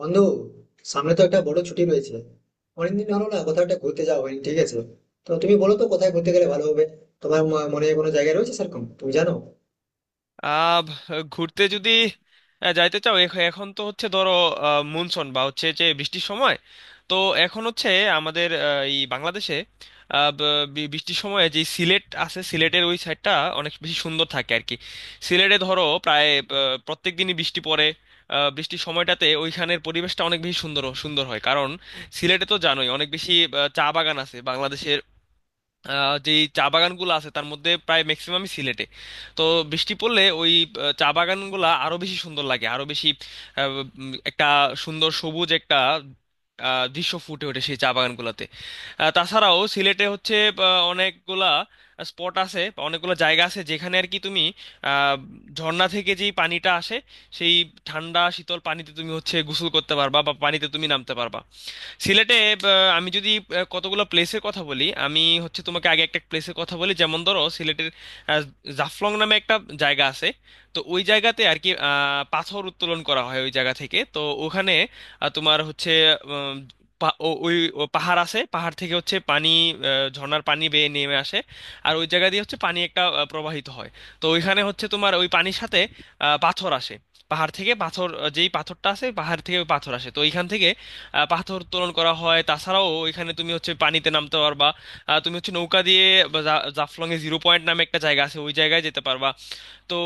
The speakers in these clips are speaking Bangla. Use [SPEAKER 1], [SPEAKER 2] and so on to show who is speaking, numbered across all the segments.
[SPEAKER 1] বন্ধু, সামনে তো একটা বড় ছুটি রয়েছে। অনেকদিন হলো না, কোথাও একটা ঘুরতে যাওয়া হয়নি। ঠিক আছে, তো তুমি বলো তো কোথায় ঘুরতে গেলে ভালো হবে। তোমার মনে কোনো জায়গা রয়েছে সেরকম তুমি জানো?
[SPEAKER 2] আহ ঘুরতে যদি যাইতে চাও এখন তো হচ্ছে ধরো মনসুন বা হচ্ছে যে বৃষ্টির সময়। তো এখন হচ্ছে আমাদের এই বাংলাদেশে বৃষ্টির সময় যে সিলেট আছে, সিলেটের ওই সাইডটা অনেক বেশি সুন্দর থাকে আর কি। সিলেটে ধরো প্রায় প্রত্যেক দিনই বৃষ্টি পড়ে। বৃষ্টির সময়টাতে ওইখানের পরিবেশটা অনেক বেশি সুন্দর সুন্দর হয়, কারণ সিলেটে তো জানোই অনেক বেশি চা বাগান আছে বাংলাদেশে। যে চা বাগানগুলো আছে তার মধ্যে প্রায় ম্যাক্সিমামই সিলেটে। তো বৃষ্টি পড়লে ওই চা বাগানগুলো আরো বেশি সুন্দর লাগে। আরো বেশি আহ, একটা সুন্দর সবুজ একটা দৃশ্য ফুটে ওঠে সেই চা বাগানগুলোতে। তাছাড়াও সিলেটে হচ্ছে অনেকগুলা স্পট আছে বা অনেকগুলো জায়গা আছে যেখানে আর কি তুমি আহ, ঝর্ণা থেকে যেই পানিটা আসে, সেই ঠান্ডা শীতল পানিতে তুমি হচ্ছে গোসল করতে পারবা বা পানিতে তুমি নামতে পারবা সিলেটে। আহ, আমি যদি কতগুলো প্লেসের কথা বলি, আমি হচ্ছে তোমাকে আগে একটা প্লেসের কথা বলি। যেমন ধরো সিলেটের আহ, জাফলং নামে একটা জায়গা আছে। তো ওই জায়গাতে আর কি পাথর উত্তোলন করা হয় ওই জায়গা থেকে। তো ওখানে তোমার হচ্ছে পা- ও- ওই ও পাহাড় আছে, পাহাড় থেকে হচ্ছে পানি ঝর্ণার পানি বেয়ে নেমে আসে, আর ওই জায়গা দিয়ে হচ্ছে পানি একটা প্রবাহিত হয়। তো ওইখানে হচ্ছে তোমার ওই পানির সাথে পাথর আসে। পাহাড় থেকে পাথর, যেই পাথরটা আছে পাহাড় থেকে ওই পাথর আসে, তো ওইখান থেকে পাথর উত্তোলন করা হয়। তাছাড়াও ওইখানে তুমি হচ্ছে পানিতে নামতে পারবা। তুমি হচ্ছে নৌকা দিয়ে বা জাফলং এ জিরো পয়েন্ট নামে একটা জায়গা আছে, ওই জায়গায় যেতে পারবা। তো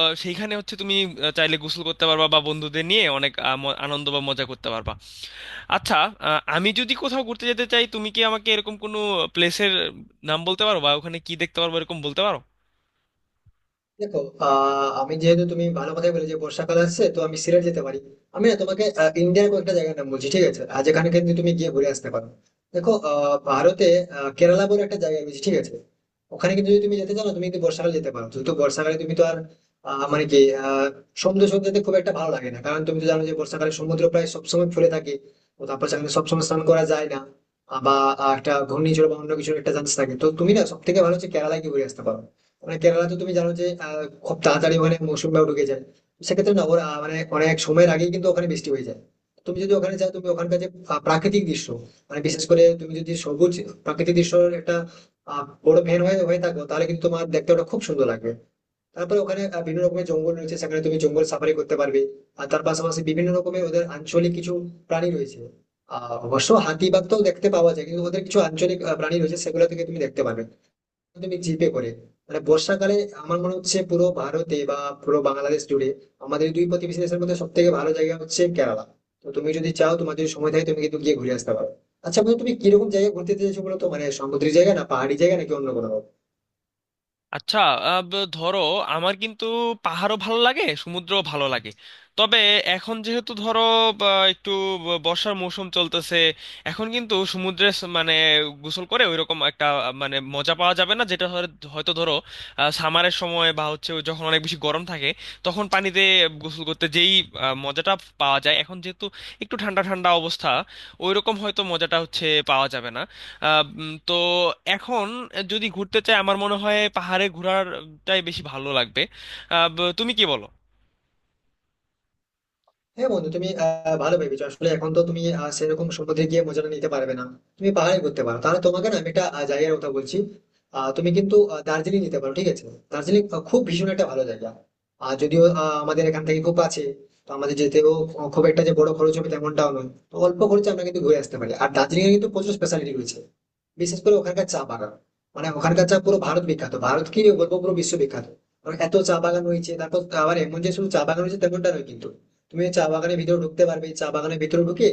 [SPEAKER 2] সেইখানে হচ্ছে তুমি চাইলে গোসল করতে পারবা বা বন্ধুদের নিয়ে অনেক আনন্দ বা মজা করতে পারবা। আচ্ছা, আমি যদি কোথাও ঘুরতে যেতে চাই, তুমি কি আমাকে এরকম কোনো প্লেসের নাম বলতে পারো বা ওখানে কি দেখতে পারবো এরকম বলতে পারো?
[SPEAKER 1] দেখো, আমি যেহেতু তুমি ভালো কথাই বলে যে বর্ষাকাল আসছে, তো আমি সিলেট যেতে পারি। আমি না তোমাকে ইন্ডিয়ার কয়েকটা জায়গার নাম বলছি, ঠিক আছে? আর যেখানে কিন্তু তুমি গিয়ে ঘুরে আসতে পারো। দেখো, ভারতে কেরালা বলে একটা জায়গা রয়েছে, ঠিক আছে? ওখানে কিন্তু যদি তুমি যেতে চাও না, তুমি কিন্তু বর্ষাকালে যেতে পারো। কিন্তু বর্ষাকালে তুমি তো আর মানে কি, আহ সমুদ্র সৈকত যেতে খুব একটা ভালো লাগে না, কারণ তুমি তো জানো যে বর্ষাকালে সমুদ্র প্রায় সবসময় ফুলে থাকে। তো তারপর সেখানে সবসময় স্নান করা যায় না। বা একটা ঘূর্ণিঝড় বা অন্য কিছুর একটা চান্স থাকে, তো তুমি না সব থেকে ভালো হচ্ছে কেরালায় গিয়ে ঘুরে আসতে পারো। মানে কেরালা তো তুমি জানো যে খুব তাড়াতাড়ি ওখানে মৌসুমটাও ঢুকে যায়। তো সেক্ষেত্রে না ওরা মানে অনেক সময়ের আগেই কিন্তু ওখানে বৃষ্টি হয়ে যায়। তুমি যদি ওখানে যাও, তুমি ওখানকার যে প্রাকৃতিক দৃশ্য, মানে বিশেষ করে তুমি যদি সবুজ প্রাকৃতিক দৃশ্যের একটা বড় ফ্যান হয়ে হয়ে থাকো, তাহলে কিন্তু তোমার দেখতে ওটা খুব সুন্দর লাগবে। তারপরে ওখানে বিভিন্ন রকমের জঙ্গল রয়েছে, সেখানে তুমি জঙ্গল সাফারি করতে পারবে। আর তার পাশাপাশি বিভিন্ন রকমের ওদের আঞ্চলিক কিছু প্রাণী রয়েছে। অবশ্য হাতি বাঘ তো দেখতে পাওয়া যায়, কিন্তু ওদের কিছু আঞ্চলিক প্রাণী রয়েছে সেগুলো থেকে তুমি দেখতে পাবে। তুমি জিপে করে, মানে বর্ষাকালে আমার মনে হচ্ছে পুরো ভারতে বা পুরো বাংলাদেশ জুড়ে আমাদের দুই প্রতিবেশী দেশের মধ্যে সব থেকে ভালো জায়গা হচ্ছে কেরালা। তো তুমি যদি চাও, তোমার যদি সময় থাকে, তুমি কিন্তু গিয়ে ঘুরে আসতে পারো। আচ্ছা বন্ধু, তুমি কিরকম জায়গায় ঘুরতে যেতে চাইছো বলো তো, মানে সমুদ্রের জায়গা না পাহাড়ি জায়গা নাকি অন্য কোনো?
[SPEAKER 2] আচ্ছা। ধরো আমার কিন্তু পাহাড়ও ভালো লাগে, সমুদ্রও ভালো লাগে। তবে এখন যেহেতু ধরো বা, একটু বর্ষার মৌসুম চলতেছে, এখন কিন্তু সমুদ্রে মানে গোসল করে ওইরকম একটা মানে মজা পাওয়া যাবে না, যেটা হয়তো ধরো সামারের সময় বা হচ্ছে ওই যখন অনেক বেশি গরম থাকে তখন পানিতে গোসল করতে যেই মজাটা পাওয়া যায়। এখন যেহেতু একটু ঠান্ডা ঠান্ডা অবস্থা, ওইরকম হয়তো মজাটা হচ্ছে পাওয়া যাবে না। তো এখন যদি ঘুরতে চাই, আমার মনে হয় পাহাড়ে ঘোরাটাই বেশি ভালো লাগবে। তুমি কি বলো?
[SPEAKER 1] হ্যাঁ বন্ধু, তুমি ভালো ভেবেছো। আসলে এখন তো তুমি সেরকম সমুদ্রে গিয়ে মজাটা নিতে পারবে না। তুমি পাহাড়ে করতে পারো, তাহলে তোমাকে না আমি একটা জায়গার কথা বলছি। তুমি কিন্তু দার্জিলিং নিতে পারো, ঠিক আছে? দার্জিলিং খুব ভীষণ একটা ভালো জায়গা। আর যদিও আমাদের এখান থেকে খুব কাছে, তো আমাদের যেতেও খুব একটা যে বড় খরচ হবে তেমনটাও নয়। তো অল্প খরচে আমরা কিন্তু ঘুরে আসতে পারি। আর দার্জিলিং এর কিন্তু প্রচুর স্পেশালিটি রয়েছে, বিশেষ করে ওখানকার চা বাগান। মানে ওখানকার চা পুরো ভারত বিখ্যাত, ভারত কি বলবো, পুরো বিশ্ব বিখ্যাত। কারণ এত চা বাগান হয়েছে, তারপর আবার এমন যে শুধু চা বাগান হয়েছে তেমনটা নয় কিন্তু। তুমি ওই চা বাগানের ভিতরে ঢুকতে পারবে। চা বাগানের ভিতরে ঢুকে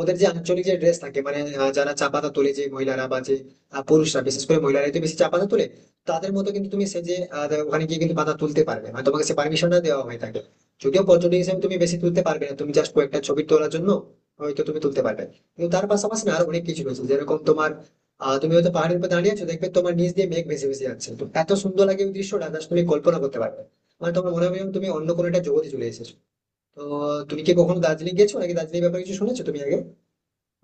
[SPEAKER 1] ওদের যে আঞ্চলিক যে ড্রেস থাকে, মানে যারা চা পাতা তোলে, যে মহিলারা বা যে পুরুষরা, বিশেষ করে মহিলারা তো বেশি চা পাতা তোলে, তাদের মতো কিন্তু তুমি সে যে ওখানে গিয়ে কিন্তু পাতা তুলতে পারবে। মানে তোমাকে সে পারমিশনটা দেওয়া হয়ে থাকে। যদিও পর্যটক হিসেবে তুমি বেশি তুলতে পারবে না, তুমি জাস্ট কয়েকটা ছবি তোলার জন্য হয়তো তুমি তুলতে পারবে। কিন্তু তার পাশাপাশি না আরো অনেক কিছু রয়েছে, যেরকম তোমার, তুমি হয়তো পাহাড়ের উপর দাঁড়িয়ে আছো, দেখবে তোমার নিচ দিয়ে মেঘ ভেসে ভেসে যাচ্ছে। তো এত সুন্দর লাগে ওই দৃশ্যটা, জাস্ট তুমি কল্পনা করতে পারবে না। মানে তোমার মনে হবে যেন তুমি অন্য কোনো একটা জগতে চলে এসেছো। তো তুমি কি কখনো দার্জিলিং গেছো, নাকি দার্জিলিং ব্যাপারে কিছু শুনেছো তুমি আগে?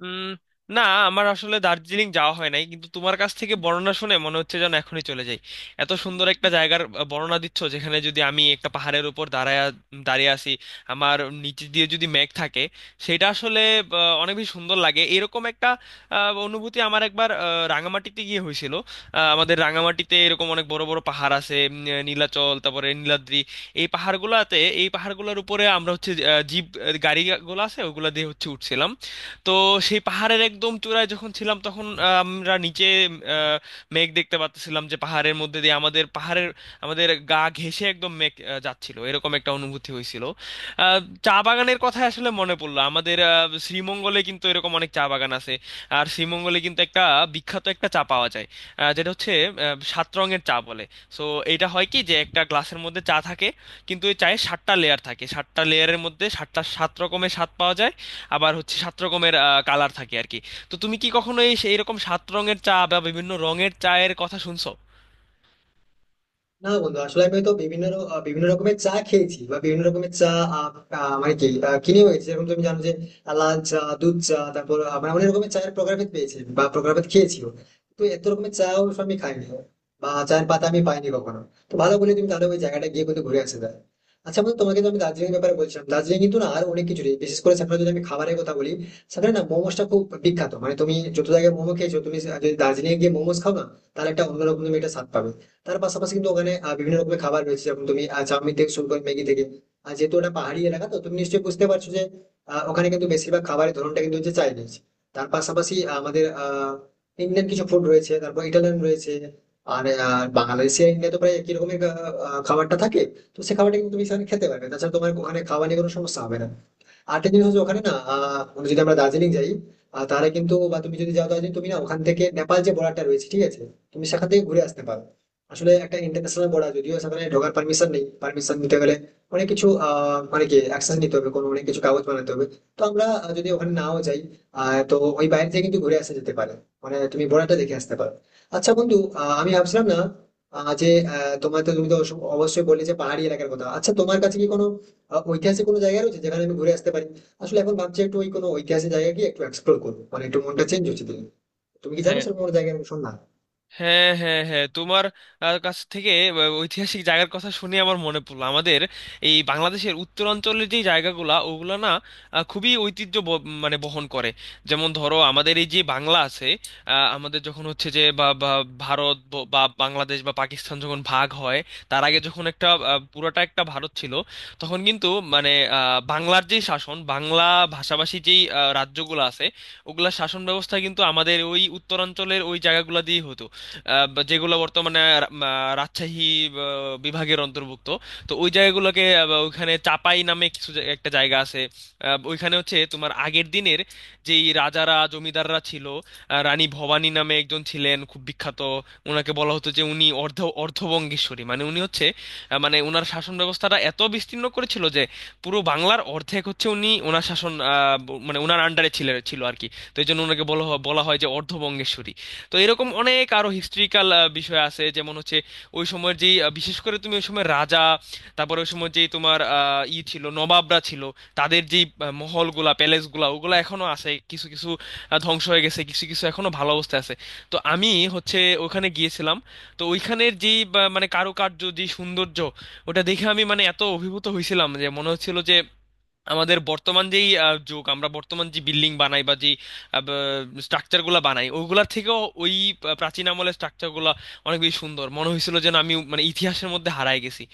[SPEAKER 2] উম না, আমার আসলে দার্জিলিং যাওয়া হয় নাই, কিন্তু তোমার কাছ থেকে বর্ণনা শুনে মনে হচ্ছে যেন এখনই চলে যাই। এত সুন্দর একটা জায়গার বর্ণনা দিচ্ছ, যেখানে যদি আমি একটা পাহাড়ের উপর দাঁড়িয়ে আছি, আমার নিচে দিয়ে যদি মেঘ থাকে সেটা আসলে অনেক বেশি সুন্দর লাগে। এরকম একটা আহ, অনুভূতি আমার একবার রাঙামাটিতে গিয়ে হয়েছিল। আমাদের রাঙামাটিতে এরকম অনেক বড় বড় পাহাড় আছে। নীলাচল, তারপরে নীলাদ্রি, এই পাহাড়গুলোতে, এই পাহাড়গুলোর উপরে আমরা হচ্ছে জিপ গাড়িগুলো আছে ওগুলা দিয়ে হচ্ছে উঠছিলাম। তো সেই পাহাড়ের একদম চূড়ায় যখন ছিলাম তখন আমরা নিচে আহ, মেঘ দেখতে পাচ্ছিলাম, যে পাহাড়ের মধ্যে দিয়ে আমাদের গা ঘেঁষে একদম মেঘ যাচ্ছিল, এরকম একটা অনুভূতি হয়েছিল। আহ, চা বাগানের কথা আসলে মনে পড়লো, আমাদের শ্রীমঙ্গলে কিন্তু এরকম অনেক চা বাগান আছে। আর শ্রীমঙ্গলে কিন্তু একটা বিখ্যাত একটা চা পাওয়া যায়, যেটা হচ্ছে সাত রঙের চা বলে। সো এটা হয় কি, যে একটা গ্লাসের মধ্যে চা থাকে কিন্তু এই চায়ে সাতটা লেয়ার থাকে, সাতটা লেয়ারের মধ্যে সাতটা সাত রকমের স্বাদ পাওয়া যায়, আবার হচ্ছে সাত রকমের কালার থাকে আর কি। তো তুমি কি কখনো এইরকম সাত রঙের চা বা বিভিন্ন রঙের চায়ের কথা শুনছো?
[SPEAKER 1] না বন্ধু, আসলে আমি তো বিভিন্ন রকমের চা খেয়েছি, বা বিভিন্ন রকমের চা আহ, আহ, মানে কি, কিনে হয়েছে। যেরকম তুমি জানো যে লাল চা, দুধ চা, তারপর আমরা অনেক রকমের চায়ের প্রকারভেদ পেয়েছি বা প্রকারভেদ খেয়েছিও। তো এত রকমের চা অবশ্য আমি খাইনি বা চায়ের পাতা আমি পাইনি কখনো। তো ভালো বলে, তুমি তাহলে ওই জায়গাটা গিয়ে কিন্তু ঘুরে আসতে পারো। আচ্ছা বন্ধু, তোমাকে তো আমি দার্জিলিং এর ব্যাপারে বলছিলাম। দার্জিলিং কিন্তু না আর অনেক কিছু রয়েছে, বিশেষ করে সেখানে যদি আমি খাবারের কথা বলি, সেখানে না মোমোসটা খুব বিখ্যাত। মানে তুমি যত জায়গায় মোমো খেয়েছো, তুমি যদি দার্জিলিং এ গিয়ে মোমোস খাও না, তাহলে একটা অন্যরকম তুমি একটা স্বাদ পাবে। তার পাশাপাশি কিন্তু ওখানে বিভিন্ন রকমের খাবার রয়েছে, যেমন তুমি চাউমিন থেকে শুরু করে ম্যাগি থেকে। আর যেহেতু ওটা পাহাড়ি এলাকা, তো তুমি নিশ্চয়ই বুঝতে পারছো যে ওখানে কিন্তু বেশিরভাগ খাবারের ধরনটা কিন্তু হচ্ছে চাইনিজ। তার পাশাপাশি আমাদের ইন্ডিয়ান কিছু ফুড রয়েছে, তারপর ইটালিয়ান রয়েছে। আর বাংলাদেশে ইন্ডিয়া তো প্রায় একই রকমের আহ, আহ, খাবারটা থাকে। তো সে খাবারটা কিন্তু তুমি সেখানে খেতে পারবে, তাছাড়া তোমার ওখানে খাওয়া নিয়ে কোনো সমস্যা হবে না। আরেকটা জিনিস হচ্ছে ওখানে না, মানে যদি আমরা দার্জিলিং যাই, তাহলে কিন্তু, বা তুমি যদি যাও দার্জিলিং, তুমি না ওখান থেকে নেপাল যে বর্ডারটা রয়েছে, ঠিক আছে? তুমি সেখান থেকে ঘুরে আসতে পারো। আসলে একটা ইন্টারন্যাশনাল বর্ডার, যদিও সেখানে ঢোকার পারমিশন নেই, পারমিশন নিতে গেলে অনেক কিছু মানে কি, অ্যাকশন নিতে হবে, কোনো অনেক কিছু কাগজ বানাতে হবে। তো আমরা যদি ওখানে নাও যাই, তো ওই বাইরে থেকে কিন্তু ঘুরে আসা যেতে পারে। মানে তুমি বর্ডারটা দেখে আসতে পারো। আচ্ছা বন্ধু, আমি ভাবছিলাম না, আহ, যে তোমার তো, তুমি তো অবশ্যই বললে যে পাহাড়ি এলাকার কথা। আচ্ছা তোমার কাছে কি কোনো ঐতিহাসিক কোনো জায়গা রয়েছে যেখানে আমি ঘুরে আসতে পারি? আসলে এখন ভাবছি একটু ওই কোনো ঐতিহাসিক জায়গা গিয়ে একটু এক্সপ্লোর করবো, মানে একটু মনটা চেঞ্জ হচ্ছে দিন। তুমি কি জানো সেরকম কোনো জায়গা? শোন না,
[SPEAKER 2] হ্যাঁ হ্যাঁ হ্যাঁ, তোমার কাছ থেকে ঐতিহাসিক জায়গার কথা শুনে আমার মনে পড়লো আমাদের এই বাংলাদেশের উত্তরাঞ্চলের যে জায়গাগুলা, ওগুলা না খুবই ঐতিহ্য মানে বহন করে। যেমন ধরো আমাদের এই যে বাংলা আছে, আমাদের যখন হচ্ছে যে বা বা ভারত বা বাংলাদেশ বা পাকিস্তান যখন ভাগ হয়, তার আগে যখন একটা পুরোটা একটা ভারত ছিল তখন কিন্তু মানে বাংলার যে শাসন, বাংলা ভাষাভাষী যেই রাজ্যগুলো আছে ওগুলা শাসন ব্যবস্থা কিন্তু আমাদের ওই উত্তরাঞ্চলের ওই জায়গাগুলো দিয়েই হতো, বা যেগুলো বর্তমানে রাজশাহী আহ, বিভাগের অন্তর্ভুক্ত। তো ওই জায়গাগুলোকে বা ওইখানে চাপাই নামে একটা জায়গা আছে। ওইখানে হচ্ছে তোমার আগের দিনের যেই রাজারা জমিদাররা ছিল, রানী ভবানী নামে একজন ছিলেন খুব বিখ্যাত। ওনাকে বলা হতো যে উনি অর্ধবঙ্গেশ্বরী, মানে উনি হচ্ছে মানে ওনার শাসন ব্যবস্থাটা এত বিস্তীর্ণ করেছিল যে পুরো বাংলার অর্ধেক হচ্ছে উনি, ওনার শাসন মানে ওনার আন্ডারে ছিল ছিল আর কি। তো এই জন্য ওনাকে বলা হয় যে অর্ধবঙ্গেশ্বরী। তো এরকম অনেক আরো হিস্ট্রিক্যাল বিষয় আছে, যেমন হচ্ছে ওই সময়ের যেই বিশেষ করে তুমি ওই সময় রাজা, তারপরে ওই সময় যেই তোমার আহ, ই ছিল, নবাবরা ছিল, তাদের যেই মহলগুলা প্যালেসগুলা ওগুলা এখনো আছে, কিছু কিছু ধ্বংস হয়ে গেছে, কিছু কিছু এখনো ভালো অবস্থায় আছে। তো আমি হচ্ছে ওখানে গিয়েছিলাম। তো ওইখানের যেই মানে কারুকার্য, যে সৌন্দর্য, ওটা দেখে আমি মানে এত অভিভূত হয়েছিলাম যে মনে হচ্ছিল যে আমাদের বর্তমান যেই যুগ, আমরা বর্তমান যে বিল্ডিং বানাই বা যে স্ট্রাকচারগুলো বানাই, ওইগুলা থেকেও ওই প্রাচীন আমলের স্ট্রাকচারগুলো অনেক বেশি সুন্দর মনে হয়েছিল, যেন আমি মানে ইতিহাসের মধ্যে হারায় গেছি।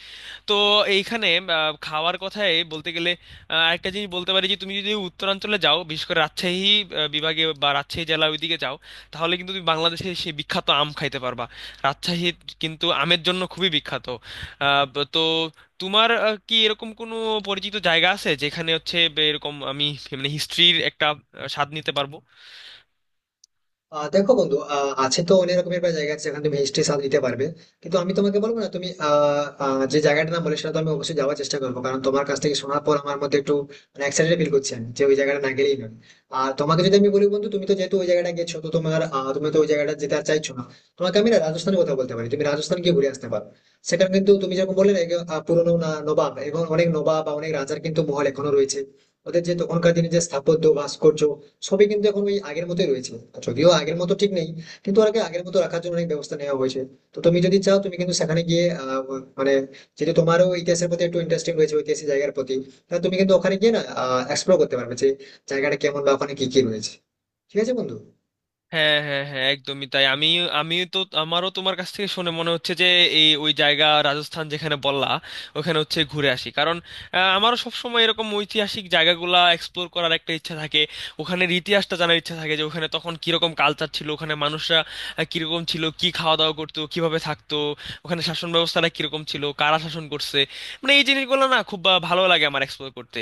[SPEAKER 2] তো এইখানে খাওয়ার কথায় বলতে গেলে একটা জিনিস বলতে পারি যে তুমি যদি উত্তরাঞ্চলে যাও, বিশেষ করে রাজশাহী বিভাগে বা রাজশাহী জেলার ওইদিকে যাও, তাহলে কিন্তু তুমি বাংলাদেশে সেই বিখ্যাত আম খাইতে পারবা। রাজশাহী কিন্তু আমের জন্য খুবই বিখ্যাত। তো তোমার কি এরকম কোনো পরিচিত জায়গা আছে যেখানে হচ্ছে এরকম আমি মানে হিস্ট্রির একটা স্বাদ নিতে পারবো?
[SPEAKER 1] দেখো বন্ধু, আছে তো অনেক রকমের প্রায় জায়গা আছে যেখানে তুমি হিস্ট্রি স্বাদ নিতে পারবে। কিন্তু আমি তোমাকে বলবো না, তুমি আহ, আহ, যে জায়গাটার নাম বলে, সেটা তো আমি অবশ্যই যাওয়ার চেষ্টা করবো, কারণ তোমার কাছ থেকে শোনার পর আমার মধ্যে একটু, মানে এক্সাইটেড ফিল করছি আমি যে ওই জায়গাটা না গেলেই নয়। আর তোমাকে যদি আমি বলি, বন্ধু তুমি তো যেহেতু ওই জায়গাটা গেছো, তো তোমার তুমি তো ওই জায়গাটা যেতে আর চাইছো না। তোমাকে আমি না রাজস্থানের কথা বলতে পারি, তুমি রাজস্থান গিয়ে ঘুরে আসতে পারো। সেখানে কিন্তু তুমি যেরকম বললে না এগুলো, পুরোনো না, নবাব এবং অনেক নবাব বা অনেক রাজার কিন্তু মহল এখনো রয়েছে। ওদের যে তখনকার দিনে যে স্থাপত্য ভাস্কর্য, সবই কিন্তু এখন ওই আগের মতোই রয়েছে। আর যদিও আগের মতো ঠিক নেই, কিন্তু ওটাকে আগের মতো রাখার জন্য অনেক ব্যবস্থা নেওয়া হয়েছে। তো তুমি যদি চাও, তুমি কিন্তু সেখানে গিয়ে মানে, যেহেতু তোমারও ইতিহাসের প্রতি একটু ইন্টারেস্টিং রয়েছে, ঐতিহাসিক জায়গার প্রতি, তাহলে তুমি কিন্তু ওখানে গিয়ে না এক্সপ্লোর করতে পারবে যে জায়গাটা কেমন বা ওখানে কি কি রয়েছে। ঠিক আছে বন্ধু?
[SPEAKER 2] হ্যাঁ হ্যাঁ হ্যাঁ, একদমই তাই। আমি আমি তো আমারও তোমার কাছ থেকে শুনে মনে হচ্ছে যে ওই জায়গা রাজস্থান যেখানে বললা ওখানে হচ্ছে ঘুরে আসি, কারণ আমারও সবসময় এরকম ঐতিহাসিক জায়গাগুলা এক্সপ্লোর করার একটা ইচ্ছা থাকে, ওখানের ইতিহাসটা জানার ইচ্ছা থাকে, যে ওখানে তখন কিরকম কালচার ছিল, ওখানে মানুষরা কিরকম ছিল, কি খাওয়া দাওয়া করতো, কিভাবে থাকতো, ওখানে শাসন ব্যবস্থাটা কিরকম ছিল, কারা শাসন করছে, মানে এই জিনিসগুলো না খুব ভালো লাগে আমার এক্সপ্লোর করতে।